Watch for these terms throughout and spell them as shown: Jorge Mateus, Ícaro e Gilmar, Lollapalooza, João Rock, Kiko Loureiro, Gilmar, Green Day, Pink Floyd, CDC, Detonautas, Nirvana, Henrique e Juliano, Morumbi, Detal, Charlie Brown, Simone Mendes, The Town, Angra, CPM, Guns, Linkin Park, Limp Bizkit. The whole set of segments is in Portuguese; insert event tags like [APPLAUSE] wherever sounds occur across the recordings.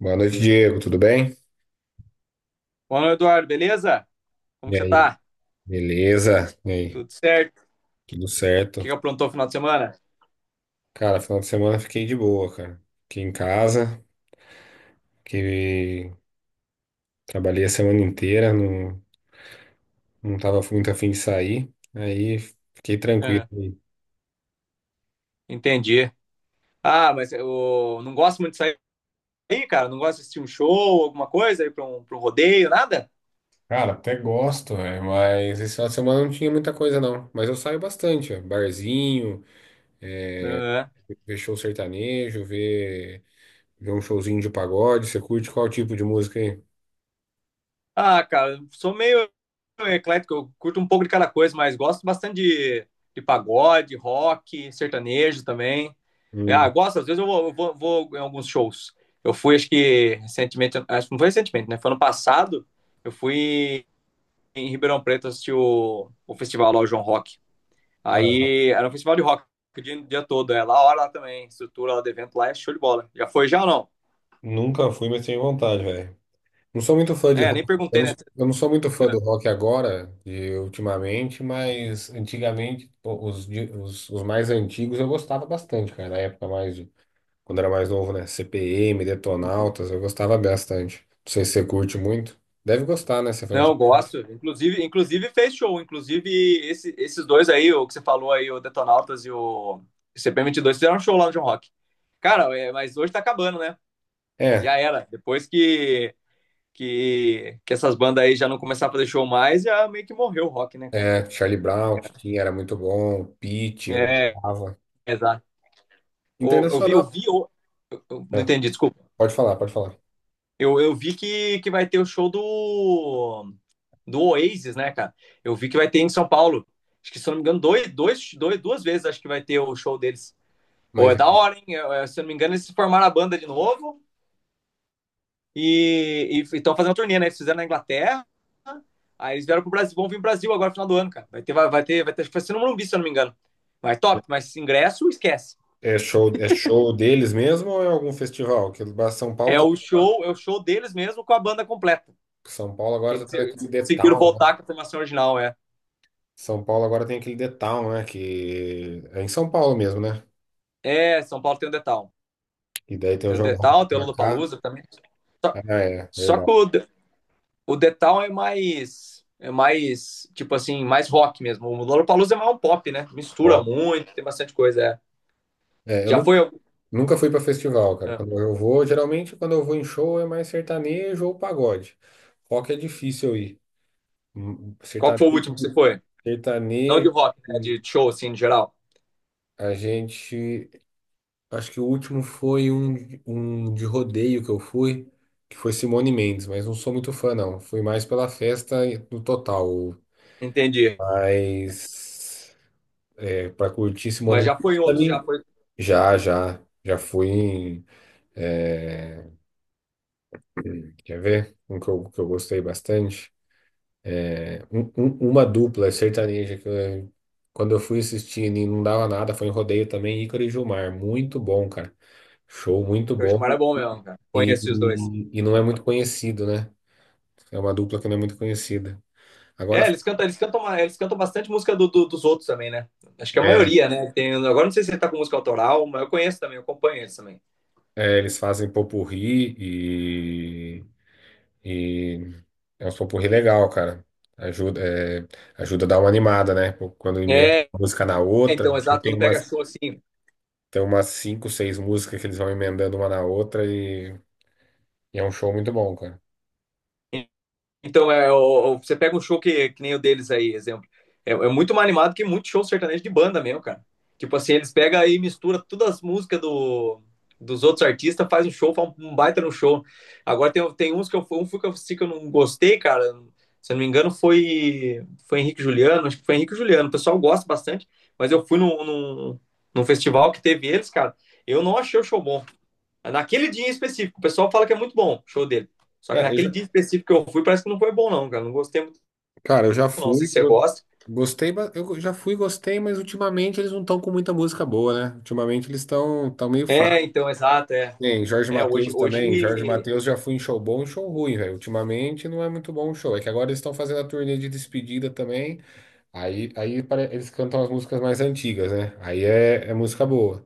Boa noite, Diego. Tudo bem? Fala, Eduardo, beleza? Como E que você aí, tá? beleza? E aí, Tudo certo? O que, tudo certo? que aprontou no final de semana? Cara, final de semana fiquei de boa, cara. Fiquei em casa, que trabalhei a semana inteira, não tava muito afim de sair, aí fiquei tranquilo. Aham. Entendi. Ah, mas eu não gosto muito de sair, cara. Não gosto de assistir um show, alguma coisa, ir pra um rodeio, nada? Cara, até gosto, velho, mas esse final de semana não tinha muita coisa, não. Mas eu saio bastante, ó. Barzinho, Aham. ver show sertanejo, ver um showzinho de pagode. Você curte qual tipo de música aí? Ah, cara, eu sou meio eclético. Eu curto um pouco de cada coisa, mas gosto bastante de pagode, rock, sertanejo também. Ah, Hum. gosto. Às vezes vou em alguns shows. Eu fui, acho que recentemente, acho que não foi recentemente, né? Foi ano passado. Eu fui em Ribeirão Preto assistir o festival lá, o João Rock. Ah, Aí era um festival de rock o dia todo. É lá, a hora lá também. Estrutura lá do evento lá é show de bola. Já foi já ou não? nunca fui, mas tenho vontade, velho. Não sou muito fã de É, rock. nem Eu perguntei, não, né? eu não sou muito fã do rock agora, de ultimamente, mas antigamente, pô, os mais antigos eu gostava bastante, cara. Na época mais, quando era mais novo, né? CPM, Detonautas, eu gostava bastante. Não sei se você curte muito. Deve gostar, né? Você foi... Não, eu gosto. Inclusive, fez show. Inclusive, esses dois aí, o que você falou aí, o Detonautas e o cp dois fizeram um show lá no John Rock. Cara, é, mas hoje tá acabando, né? Já É, era. Depois que essas bandas aí já não começaram a fazer show mais, já meio que morreu o rock, né, cara? é, Charlie Brown, que tinha, era muito bom. Pitty, eu É, gostava. exato. Ô, eu vi, Internacional. Eu- não É, entendi, desculpa. pode falar, pode falar. Eu vi que vai ter o show do Oasis, né, cara? Eu vi que vai ter em São Paulo. Acho que, se eu não me engano, duas vezes acho que vai ter o show deles. Ou Mas é é da hora, hein? Se eu não me engano, eles formaram a banda de novo e estão fazendo uma turnê, né? Eles fizeram na Inglaterra, aí eles vieram pro Brasil, vão vir pro Brasil agora no final do ano, cara. Vai ter, acho que vai ser no Morumbi, se eu não me engano. Mas top, mas ingresso, esquece. É show deles mesmo ou é algum festival? Que São Paulo tá É o show deles mesmo com a banda completa. São Paulo Que agora tá eles, tendo aquele eles The conseguiram Town, né? voltar com a formação original, é. São Paulo agora tem aquele The Town, né? Que é em São Paulo mesmo, né? É, São Paulo tem o Detal. E daí tem o Tem o João Rock Detal, tem o pra cá. Lollapalooza também. Só, Ah, é, só que verdade. o Detal É mais, tipo assim, mais rock mesmo. O Lollapalooza é mais um pop, né? Mistura Ó, muito, tem bastante coisa, é. é, eu Já nunca, foi algum? nunca fui pra festival, cara. É. Quando eu vou, geralmente quando eu vou em show é mais sertanejo ou pagode. Rock é difícil eu ir. Hum, Qual que foi o último que você Sertanejo, foi? Não de sertanejo, rock, né? De show, assim, em geral. a gente. Acho que o último foi um de rodeio que eu fui, que foi Simone Mendes, mas não sou muito fã, não. Fui mais pela festa no total. Entendi. Mas é, para curtir Simone Mas já foi em Mendes outro, já também. foi. Já, já. Já fui em. É, quer ver? Um que que eu gostei bastante. É, uma dupla sertaneja quando eu fui assistir e não dava nada, foi em rodeio também, Ícaro e Gilmar. Muito bom, cara. Show muito O Gilmar é bom. bom mesmo, cara. E, Conheci os dois. e não é Tá. muito conhecido, né? É uma dupla que não é muito conhecida. Agora, É, eles cantam bastante música dos outros também, né? Acho que a é, maioria, né? Tem, agora não sei se ele tá com música autoral, mas eu conheço também, eu acompanho eles também. é, eles fazem popurrí e é um popurrí legal, cara. Ajuda, é, ajuda a dar uma animada, né? Quando emenda É, uma música na outra, então, exato, quando pega show assim. tem umas cinco, seis músicas que eles vão emendando uma na outra e é um show muito bom, cara. Então, é, você pega um show que nem o deles aí, exemplo. É muito mais animado que muito show sertanejo de banda mesmo, cara. Tipo assim, eles pegam aí e misturam todas as músicas dos outros artistas, faz um show, faz um baita no show. Agora tem uns que um fui que eu, assisti que eu não gostei, cara. Se eu não me engano, foi Henrique e Juliano. Acho que foi Henrique e Juliano. O pessoal gosta bastante, mas eu fui num festival que teve eles, cara. Eu não achei o show bom. Naquele dia em específico, o pessoal fala que é muito bom show dele. Só que É, naquele dia específico que eu fui, parece que não foi bom, não, cara. Não gostei muito, cara, eu já não. Se fui, você go- gosta. gostei, eu já fui, gostei, mas ultimamente eles não estão com muita música boa, né? Ultimamente eles estão tão meio É, fracos. então, exato, é. Tem Jorge É, hoje, Mateus também. Jorge hoje. Mateus já foi em show bom e show ruim, velho. Ultimamente não é muito bom o show. É que agora eles estão fazendo a turnê de despedida também. Eles cantam as músicas mais antigas, né? Aí é, é música boa.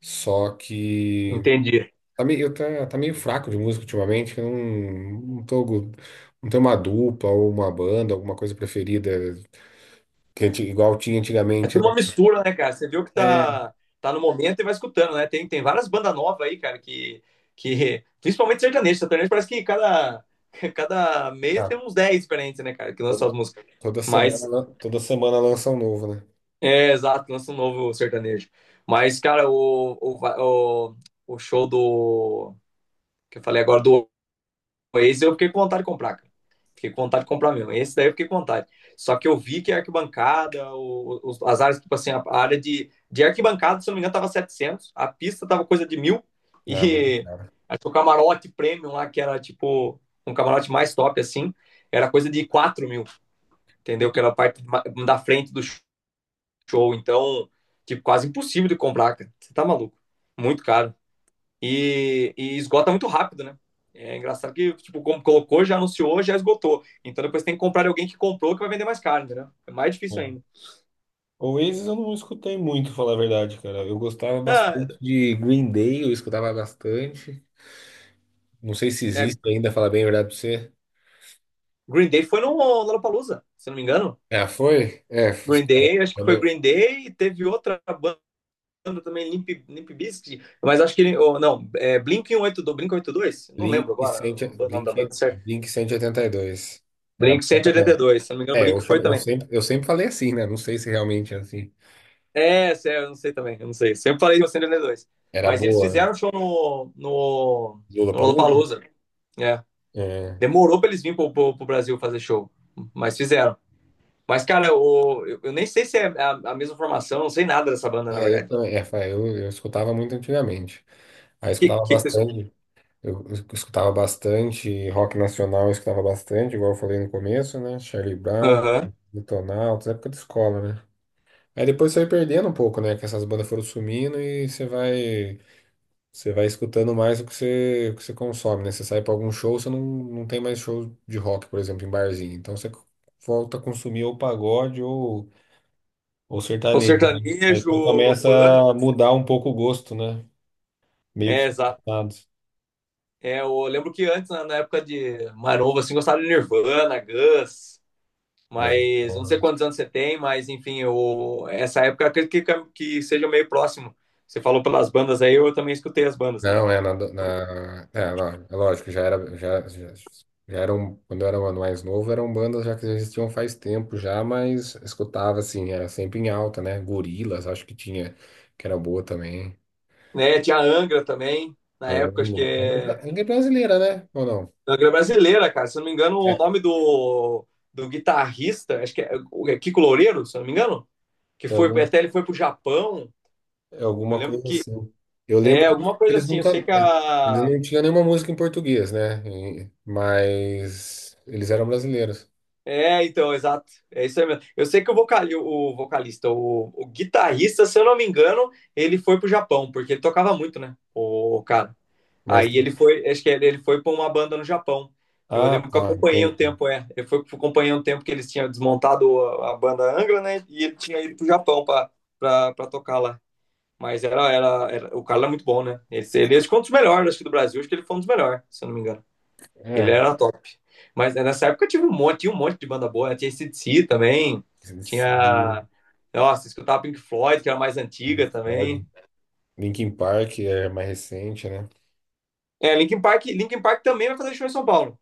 Só que Entendi. Tá meio fraco de música ultimamente. Eu não, não tô, go- não tenho uma dupla ou uma banda, alguma coisa preferida que igual tinha É antigamente, tudo né? uma mistura, né, cara? Você viu que É, tá no momento e vai escutando, né? Tem várias bandas novas aí, cara, que. Que principalmente sertanejo. Sertanejo parece que cada, [LAUGHS] cada mês ah, tem uns 10 diferentes, né, cara, que lançam toda, as músicas. Mas toda semana lança um novo, né? é, exato, lança um novo sertanejo. Mas, cara, o show do, que eu falei agora do Oasis, eu fiquei com vontade de comprar, cara. Fiquei com vontade de comprar mesmo. Esse daí eu fiquei com vontade. Só que eu vi que a arquibancada, as áreas, tipo assim, a área de arquibancada, se eu não me engano, tava 700, a pista tava coisa de 1.000, [LAUGHS] Ah, muito e cara. acho que o camarote premium lá, que era tipo um camarote mais top, assim, era coisa de 4.000, entendeu? Que era a parte da frente do show. Então, tipo, quase impossível de comprar, cara. Você tá maluco. Muito caro. E esgota muito rápido, né? É engraçado que, tipo, como colocou, já anunciou, já esgotou. Então depois tem que comprar de alguém que comprou que vai vender mais caro, entendeu? É mais difícil ainda. Oasis eu não escutei muito, falar a verdade, cara. Eu gostava Ah, bastante de Green Day, eu escutava bastante. Não sei se é, existe ainda, falar bem a verdade pra você. Green Day foi no Lollapalooza, se não me engano. Ah, foi? Green Day, acho que Quando foi eu... Green Day e teve outra banda também, Limp Bizkit, mas acho que, oh, não, é Blink 182, Blink 182. Não lembro Blink, agora 100 o nome Blink, da banda certo. Blink 182. Era Blink boa cento e oitenta também. e dois se não me engano, É, Blink foi também. Eu sempre falei assim, né? Não sei se realmente é assim. É, sério, eu não sei também, eu não sei. Sempre falei de Ocean dois. Era Mas eles boa. fizeram show no Lollapalooza? Lollapalooza. É. É, Demorou pra eles virem pro Brasil fazer show, mas fizeram. Mas, cara, eu nem sei se é a mesma formação, eu não sei nada dessa banda, na é, eu, verdade. também- é, fa- eu escutava muito antigamente. Aí eu Que, escutava vocês. bastante. Eu escutava bastante rock nacional, eu escutava bastante, igual eu falei no começo, né? Charlie Brown, Aham. Detonautas, época de escola, né? Aí depois você vai perdendo um pouco, né? Que essas bandas foram sumindo e você vai escutando mais o que você consome, né? Você sai pra algum show, você não tem mais show de rock, por exemplo, em barzinho. Então você volta a consumir ou pagode ou O sertanejo, né? Aí sertanejo, você o começa funk. a mudar um pouco o gosto, né? Meio que. É, exato. É, eu lembro que antes, na época de Maromba, assim, gostava de Nirvana, Guns. Mas não sei Mas, quantos anos você tem, mas enfim, essa época eu acredito que seja meio próximo. Você falou pelas bandas aí, eu também escutei as bandas. não, é na, do- na é, lá, é lógico, já eram quando eu era mais novo, eram bandas já que já existiam faz tempo já, mas escutava assim, era sempre em alta, né? Gorilas, acho que tinha que era boa também. Né? Tinha a Angra também, na época, acho que é. Ainda é brasileira, né? Ou não? Angra brasileira, cara. Se eu não me engano, o É, nome do guitarrista, acho que é, é Kiko Loureiro, se eu não me engano, que é foi alguma, até ele foi pro Japão. é Eu alguma lembro coisa que assim. Eu lembro é que alguma coisa eles assim. Eu sei nunca que eles a. não tinham nenhuma música em português, né? E- mas eles eram brasileiros. É, então, exato. É isso aí mesmo. Eu sei que o vocalista, o guitarrista, se eu não me engano, ele foi pro Japão, porque ele tocava muito, né? O cara. Mas Aí ele foi, acho que ele foi pra uma banda no Japão. Eu ah, lembro que eu tá, acompanhei um entendi. tempo, é. Eu fui, acompanhei um tempo que eles tinham desmontado a banda Angra, né? E ele tinha ido pro Japão pra tocar lá. Mas era, o cara era muito bom, né? Acho que foi um dos melhores, acho que do Brasil, acho que ele foi um dos melhores, se eu não me engano. Ele É. era top. Mas né, nessa época eu tive um monte, tinha um monte de banda boa, né? Tinha CDC também. Tinha. Nossa, escutava Pink Floyd, que era mais Pink antiga Floyd. também. Linkin Park é mais recente, né? É, Linkin Park, Linkin Park também vai fazer show em São Paulo.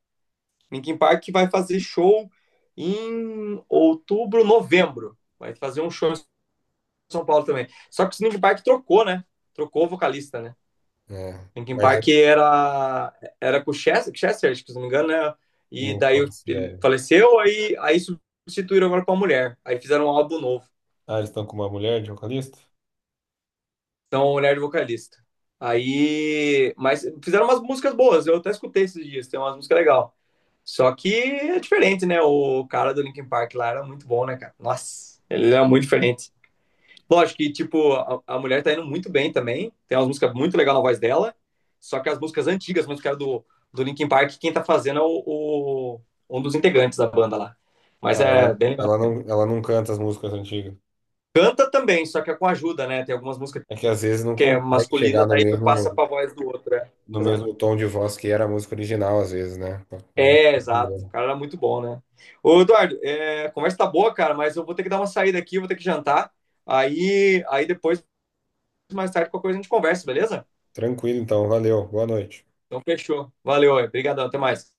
Linkin Park vai fazer show em outubro, novembro. Vai fazer um show em São Paulo também. Só que o Linkin Park trocou, né? Trocou o vocalista, né? É, Linkin mas Park eu era com o Chester, acho que se não me engano, né? E não daí faço ele ideia. faleceu, aí substituíram agora com a mulher. Aí fizeram um álbum novo. Ah, eles estão com uma mulher de vocalista? Então, mulher de vocalista. Aí. Mas fizeram umas músicas boas, eu até escutei esses dias, tem umas músicas legais. Só que é diferente, né? O cara do Linkin Park lá era muito bom, né, cara? Nossa, ele era muito diferente. Lógico que, tipo, a mulher tá indo muito bem também. Tem umas músicas muito legais na voz dela. Só que as músicas antigas, as músicas do Linkin Park, quem tá fazendo é o- um dos integrantes da banda lá. Ah, Mas é bem legal. Ela não canta as músicas antigas. Canta também, só que é com ajuda, né? Tem algumas músicas É que às vezes não que é consegue masculina, chegar no daí tu passa mesmo, pra voz do outro. É, no exato. mesmo tom de voz que era a música original, às vezes, né? Aí não- É, fica exato. O bom. cara era muito bom, né? Ô, Eduardo, é, a conversa tá boa, cara, mas eu vou ter que dar uma saída aqui, eu vou ter que jantar. Aí depois, mais tarde, qualquer coisa a gente conversa, beleza? Tranquilo, então. Valeu. Boa noite. Então, fechou. Valeu, obrigadão, até mais.